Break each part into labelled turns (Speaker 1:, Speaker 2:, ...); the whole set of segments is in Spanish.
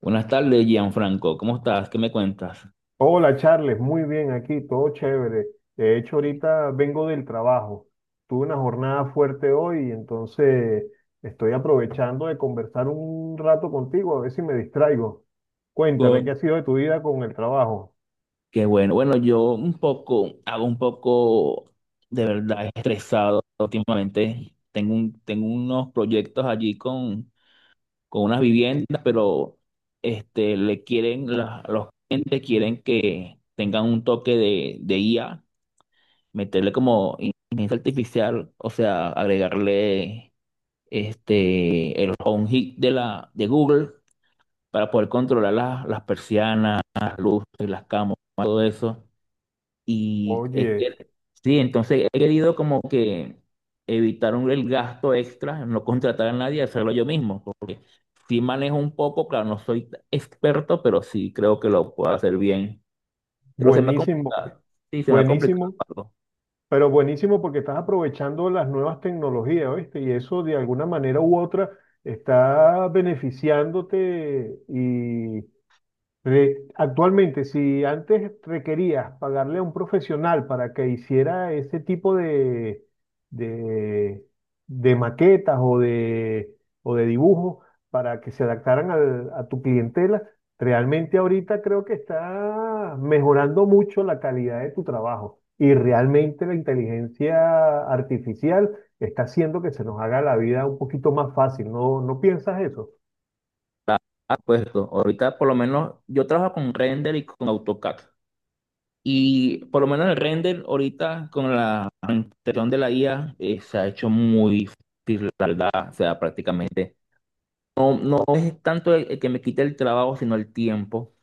Speaker 1: Buenas tardes, Gianfranco. ¿Cómo estás? ¿Qué me cuentas?
Speaker 2: Hola Charles, muy bien aquí, todo chévere. De hecho, ahorita vengo del trabajo. Tuve una jornada fuerte hoy, entonces estoy aprovechando de conversar un rato contigo, a ver si me distraigo. Cuéntame, ¿qué
Speaker 1: Con-
Speaker 2: ha sido de tu vida con el trabajo?
Speaker 1: Qué bueno. Bueno, yo un poco, hago un poco de verdad estresado últimamente. Tengo unos proyectos allí con unas viviendas, pero le quieren, los clientes quieren que tengan un toque de IA, meterle como inteligencia artificial, o sea, agregarle el home hit de de Google para poder controlar las persianas, las luces, las camas, todo eso. Y es
Speaker 2: Oye,
Speaker 1: que- sí, entonces he querido como que evitar el gasto extra, no contratar a nadie, hacerlo yo mismo. Sí manejo un poco, claro, no soy experto, pero sí creo que lo puedo hacer bien. Pero se me ha
Speaker 2: buenísimo,
Speaker 1: complicado. Sí, se me ha complicado
Speaker 2: buenísimo,
Speaker 1: algo.
Speaker 2: pero buenísimo porque estás aprovechando las nuevas tecnologías, ¿oíste? Y eso de alguna manera u otra está beneficiándote y, actualmente, si antes requerías pagarle a un profesional para que hiciera ese tipo de, de maquetas o de dibujos para que se adaptaran a tu clientela, realmente ahorita creo que está mejorando mucho la calidad de tu trabajo y realmente la inteligencia artificial está haciendo que se nos haga la vida un poquito más fácil. ¿No, no piensas eso?
Speaker 1: Ah, pues, ahorita por lo menos yo trabajo con render y con AutoCAD. Y por lo menos el render ahorita con la implementación de la IA se ha hecho muy tardada, o sea, prácticamente. No, no es tanto el que me quite el trabajo, sino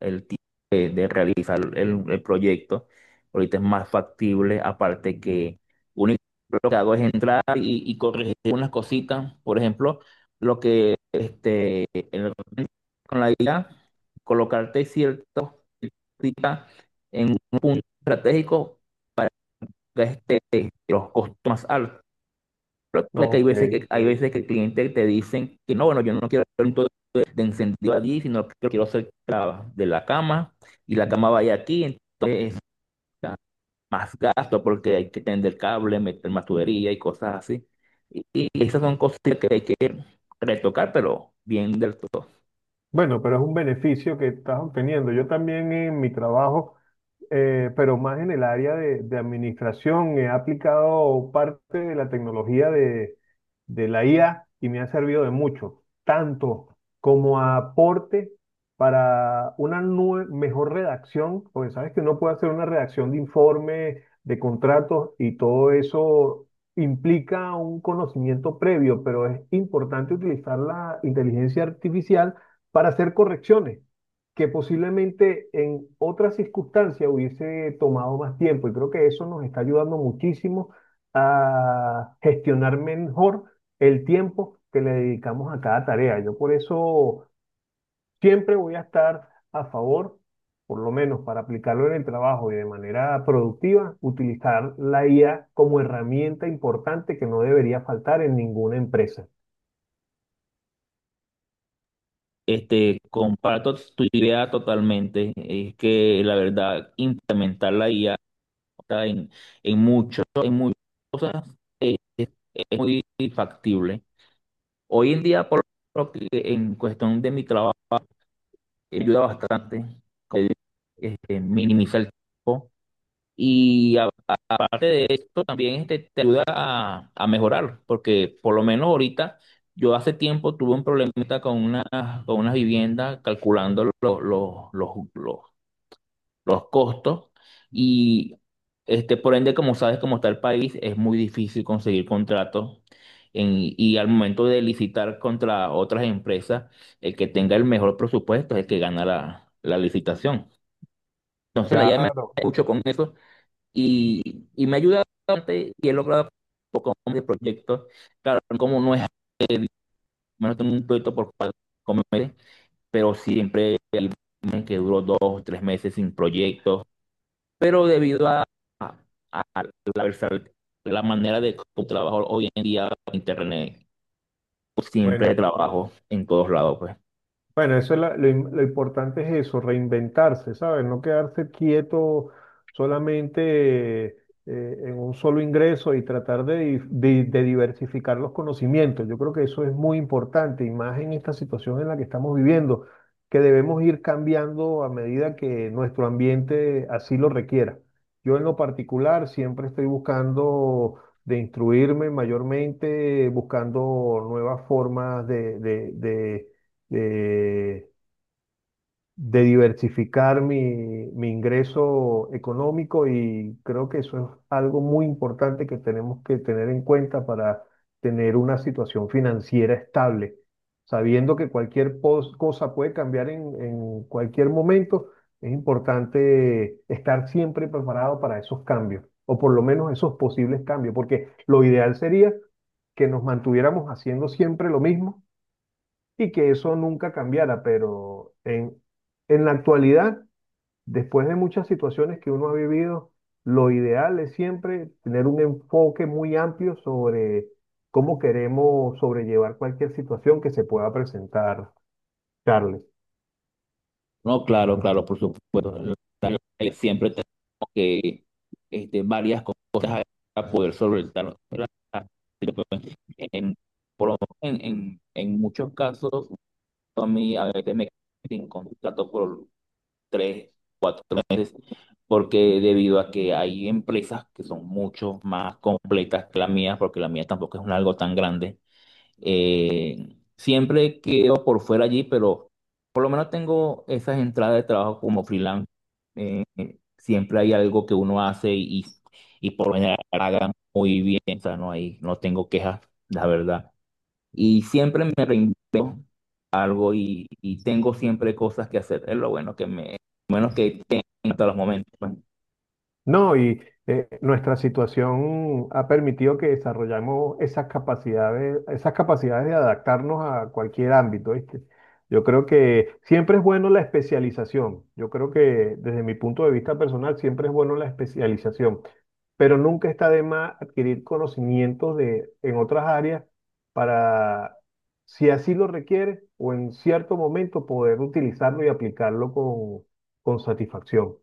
Speaker 1: el tiempo de realizar el proyecto. Ahorita es más factible, aparte que único lo que hago es entrar y corregir unas cositas. Por ejemplo, lo que con la idea, colocarte ciertos cositas en un punto estratégico que este, los costos más altos. Porque
Speaker 2: Ok.
Speaker 1: hay veces que el cliente te dicen que no, bueno, yo no quiero hacer un todo de encendido allí, sino que quiero hacer de la cama y la cama vaya aquí, entonces está más gasto porque hay que tender cable, meter más tubería y cosas así. Y esas son cosas que hay que retocar, pero bien del todo.
Speaker 2: Bueno, pero es un beneficio que estás obteniendo. Yo también en mi trabajo pero más en el área de administración. He aplicado parte de la tecnología de la IA y me ha servido de mucho, tanto como aporte para una mejor redacción, porque sabes que uno puede hacer una redacción de informes, de contratos y todo eso implica un conocimiento previo, pero es importante utilizar la inteligencia artificial para hacer correcciones que posiblemente en otras circunstancias hubiese tomado más tiempo. Y creo que eso nos está ayudando muchísimo a gestionar mejor el tiempo que le dedicamos a cada tarea. Yo por eso siempre voy a estar a favor, por lo menos para aplicarlo en el trabajo y de manera productiva, utilizar la IA como herramienta importante que no debería faltar en ninguna empresa.
Speaker 1: Comparto tu idea totalmente. Es que la verdad, implementar la IA en, en muchas cosas, eh, es, es muy factible. Hoy en día, por lo que en cuestión de mi trabajo, me ayuda bastante, como digo, minimiza el tiempo. Y aparte de esto, también este, te ayuda a mejorar, porque por lo menos ahorita, yo hace tiempo tuve un problemita con con una vivienda calculando los, los, los costos y este, por ende, como sabes, como está el país, es muy difícil conseguir contratos en- y al momento de licitar contra otras empresas, el que tenga el mejor presupuesto es el que gana la licitación. Entonces, la idea me
Speaker 2: Claro.
Speaker 1: escucho con eso y me ha ayudado bastante y he logrado un poco de proyectos. Claro, como no es, no tengo un proyecto por cuatro meses, pero siempre hay meses que duró dos, tres meses sin proyectos pero debido a- a la, la manera de cómo trabajo hoy en día internet, pues, siempre
Speaker 2: Bueno,
Speaker 1: trabajo en todos lados, pues.
Speaker 2: Bueno, eso es lo importante es eso, reinventarse, ¿sabes? No quedarse quieto solamente, en un solo ingreso y tratar de, de diversificar los conocimientos. Yo creo que eso es muy importante y más en esta situación en la que estamos viviendo, que debemos ir cambiando a medida que nuestro ambiente así lo requiera. Yo en lo particular siempre estoy buscando de instruirme mayormente, buscando nuevas formas de, de diversificar mi ingreso económico y creo que eso es algo muy importante que tenemos que tener en cuenta para tener una situación financiera estable, sabiendo que cualquier cosa puede cambiar en cualquier momento. Es importante estar siempre preparado para esos cambios, o por lo menos esos posibles cambios, porque lo ideal sería que nos mantuviéramos haciendo siempre lo mismo y que eso nunca cambiara, pero en la actualidad, después de muchas situaciones que uno ha vivido, lo ideal es siempre tener un enfoque muy amplio sobre cómo queremos sobrellevar cualquier situación que se pueda presentar, Charles.
Speaker 1: No, claro, claro, por supuesto. Siempre tenemos que este, varias cosas para poder solventar. ¿Verdad? En, por lo menos en muchos casos, a mí a veces me quedo sin contrato por tres, porque debido a que hay empresas que son mucho más completas que la mía, porque la mía tampoco es un algo tan grande. Siempre quedo por fuera allí, pero por lo menos tengo esas entradas de trabajo como freelance. Siempre hay algo que uno hace y por lo general haga muy bien, o sea, no hay, no tengo quejas, la verdad. Y siempre me reinvento algo y tengo siempre cosas que hacer. Es lo bueno lo bueno que tengo hasta los momentos, pues.
Speaker 2: No, y nuestra situación ha permitido que desarrollamos esas capacidades de adaptarnos a cualquier ámbito, ¿viste? Yo creo que siempre es bueno la especialización. Yo creo que desde mi punto de vista personal siempre es bueno la especialización, pero nunca está de más adquirir conocimientos de en otras áreas para, si así lo requiere o en cierto momento poder utilizarlo y aplicarlo con satisfacción.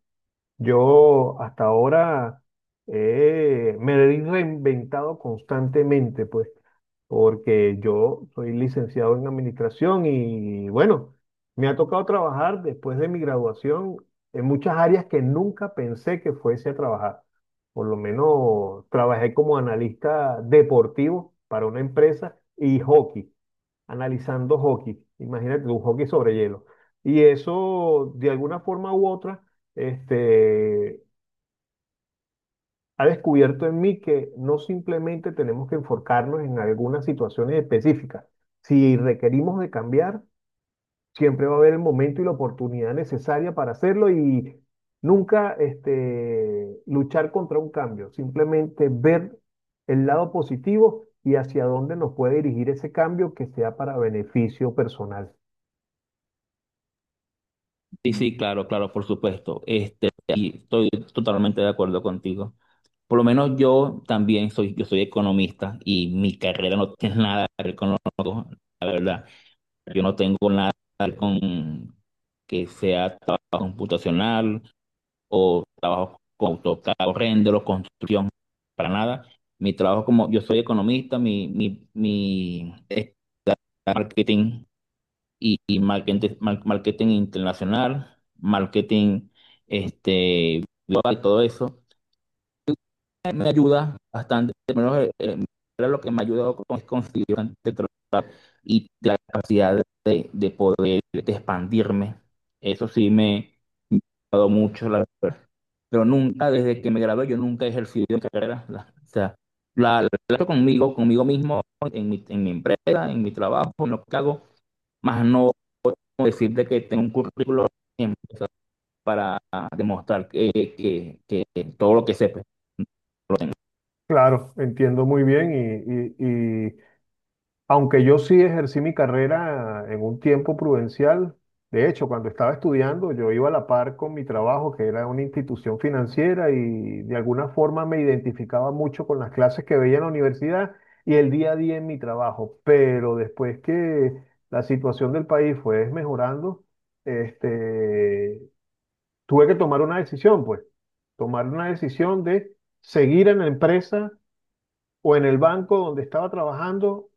Speaker 2: Yo hasta ahora, me he reinventado constantemente, pues, porque yo soy licenciado en administración y bueno, me ha tocado trabajar después de mi graduación en muchas áreas que nunca pensé que fuese a trabajar. Por lo menos trabajé como analista deportivo para una empresa y hockey analizando hockey. Imagínate un hockey sobre hielo. Y eso, de alguna forma u otra, este, ha descubierto en mí que no simplemente tenemos que enfocarnos en algunas situaciones específicas. Si requerimos de cambiar, siempre va a haber el momento y la oportunidad necesaria para hacerlo y nunca luchar contra un cambio, simplemente ver el lado positivo y hacia dónde nos puede dirigir ese cambio que sea para beneficio personal.
Speaker 1: Sí, sí, claro, claro, por supuesto. Y estoy totalmente de acuerdo contigo. Por lo menos yo también soy, yo soy economista y mi carrera no tiene nada, ¿no? Yo no tengo nada con que sea trabajo computacional, trabajo con AutoCAD, render, construcción, para nada. Mi trabajo como, yo soy economista, mi es marketing y marketing, marketing internacional, marketing, global, todo eso. Me ayuda bastante, menos era lo que me ha ayudado con, es conseguir bastante trabajo y la capacidad de poder de expandirme. Eso sí me ha ayudado mucho, la verdad. Pero nunca, desde que me gradué, yo nunca he ejercido mi carrera. O sea, la trato conmigo, conmigo mismo, en mi empresa, en mi trabajo, en lo que hago, más no decirte que tengo un currículo en- para demostrar que, que todo lo que sepa.
Speaker 2: Claro, entiendo muy bien y aunque yo sí ejercí mi carrera en un tiempo prudencial, de hecho, cuando estaba estudiando yo iba a la par con mi trabajo, que era una institución financiera y de alguna forma me identificaba mucho con las clases que veía en la universidad y el día a día en mi trabajo, pero después que la situación del país fue mejorando, este, tuve que tomar una decisión, pues, tomar una decisión de seguir en la empresa o en el banco donde estaba trabajando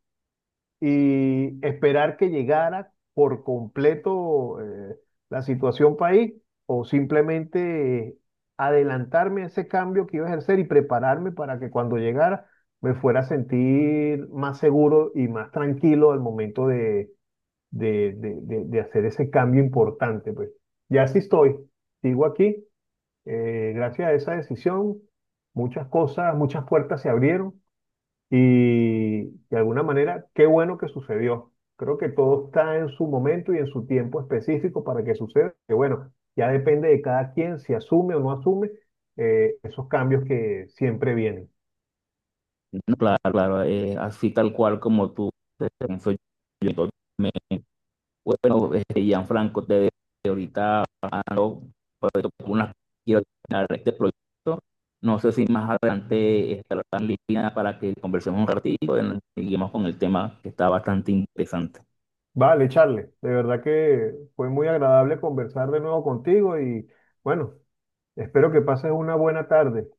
Speaker 2: y esperar que llegara por completo, la situación país o simplemente, adelantarme a ese cambio que iba a ejercer y prepararme para que cuando llegara me fuera a sentir más seguro y más tranquilo al momento de hacer ese cambio importante, pues. Ya sí estoy, sigo aquí, gracias a esa decisión, muchas cosas, muchas puertas se abrieron y de alguna manera, qué bueno que sucedió. Creo que todo está en su momento y en su tiempo específico para que suceda. Que bueno, ya depende de cada quien si asume o no asume, esos cambios que siempre vienen.
Speaker 1: No, claro, claro, así tal cual como tú, te pienso yo totalmente. Bueno, este, Gianfranco, te dejo que ahorita ando por unas- quiero terminar este proyecto. No sé si más adelante estará en línea para que conversemos un ratito y seguimos con el tema que está bastante interesante.
Speaker 2: Vale, Charles, de verdad que fue muy agradable conversar de nuevo contigo y bueno, espero que pases una buena tarde.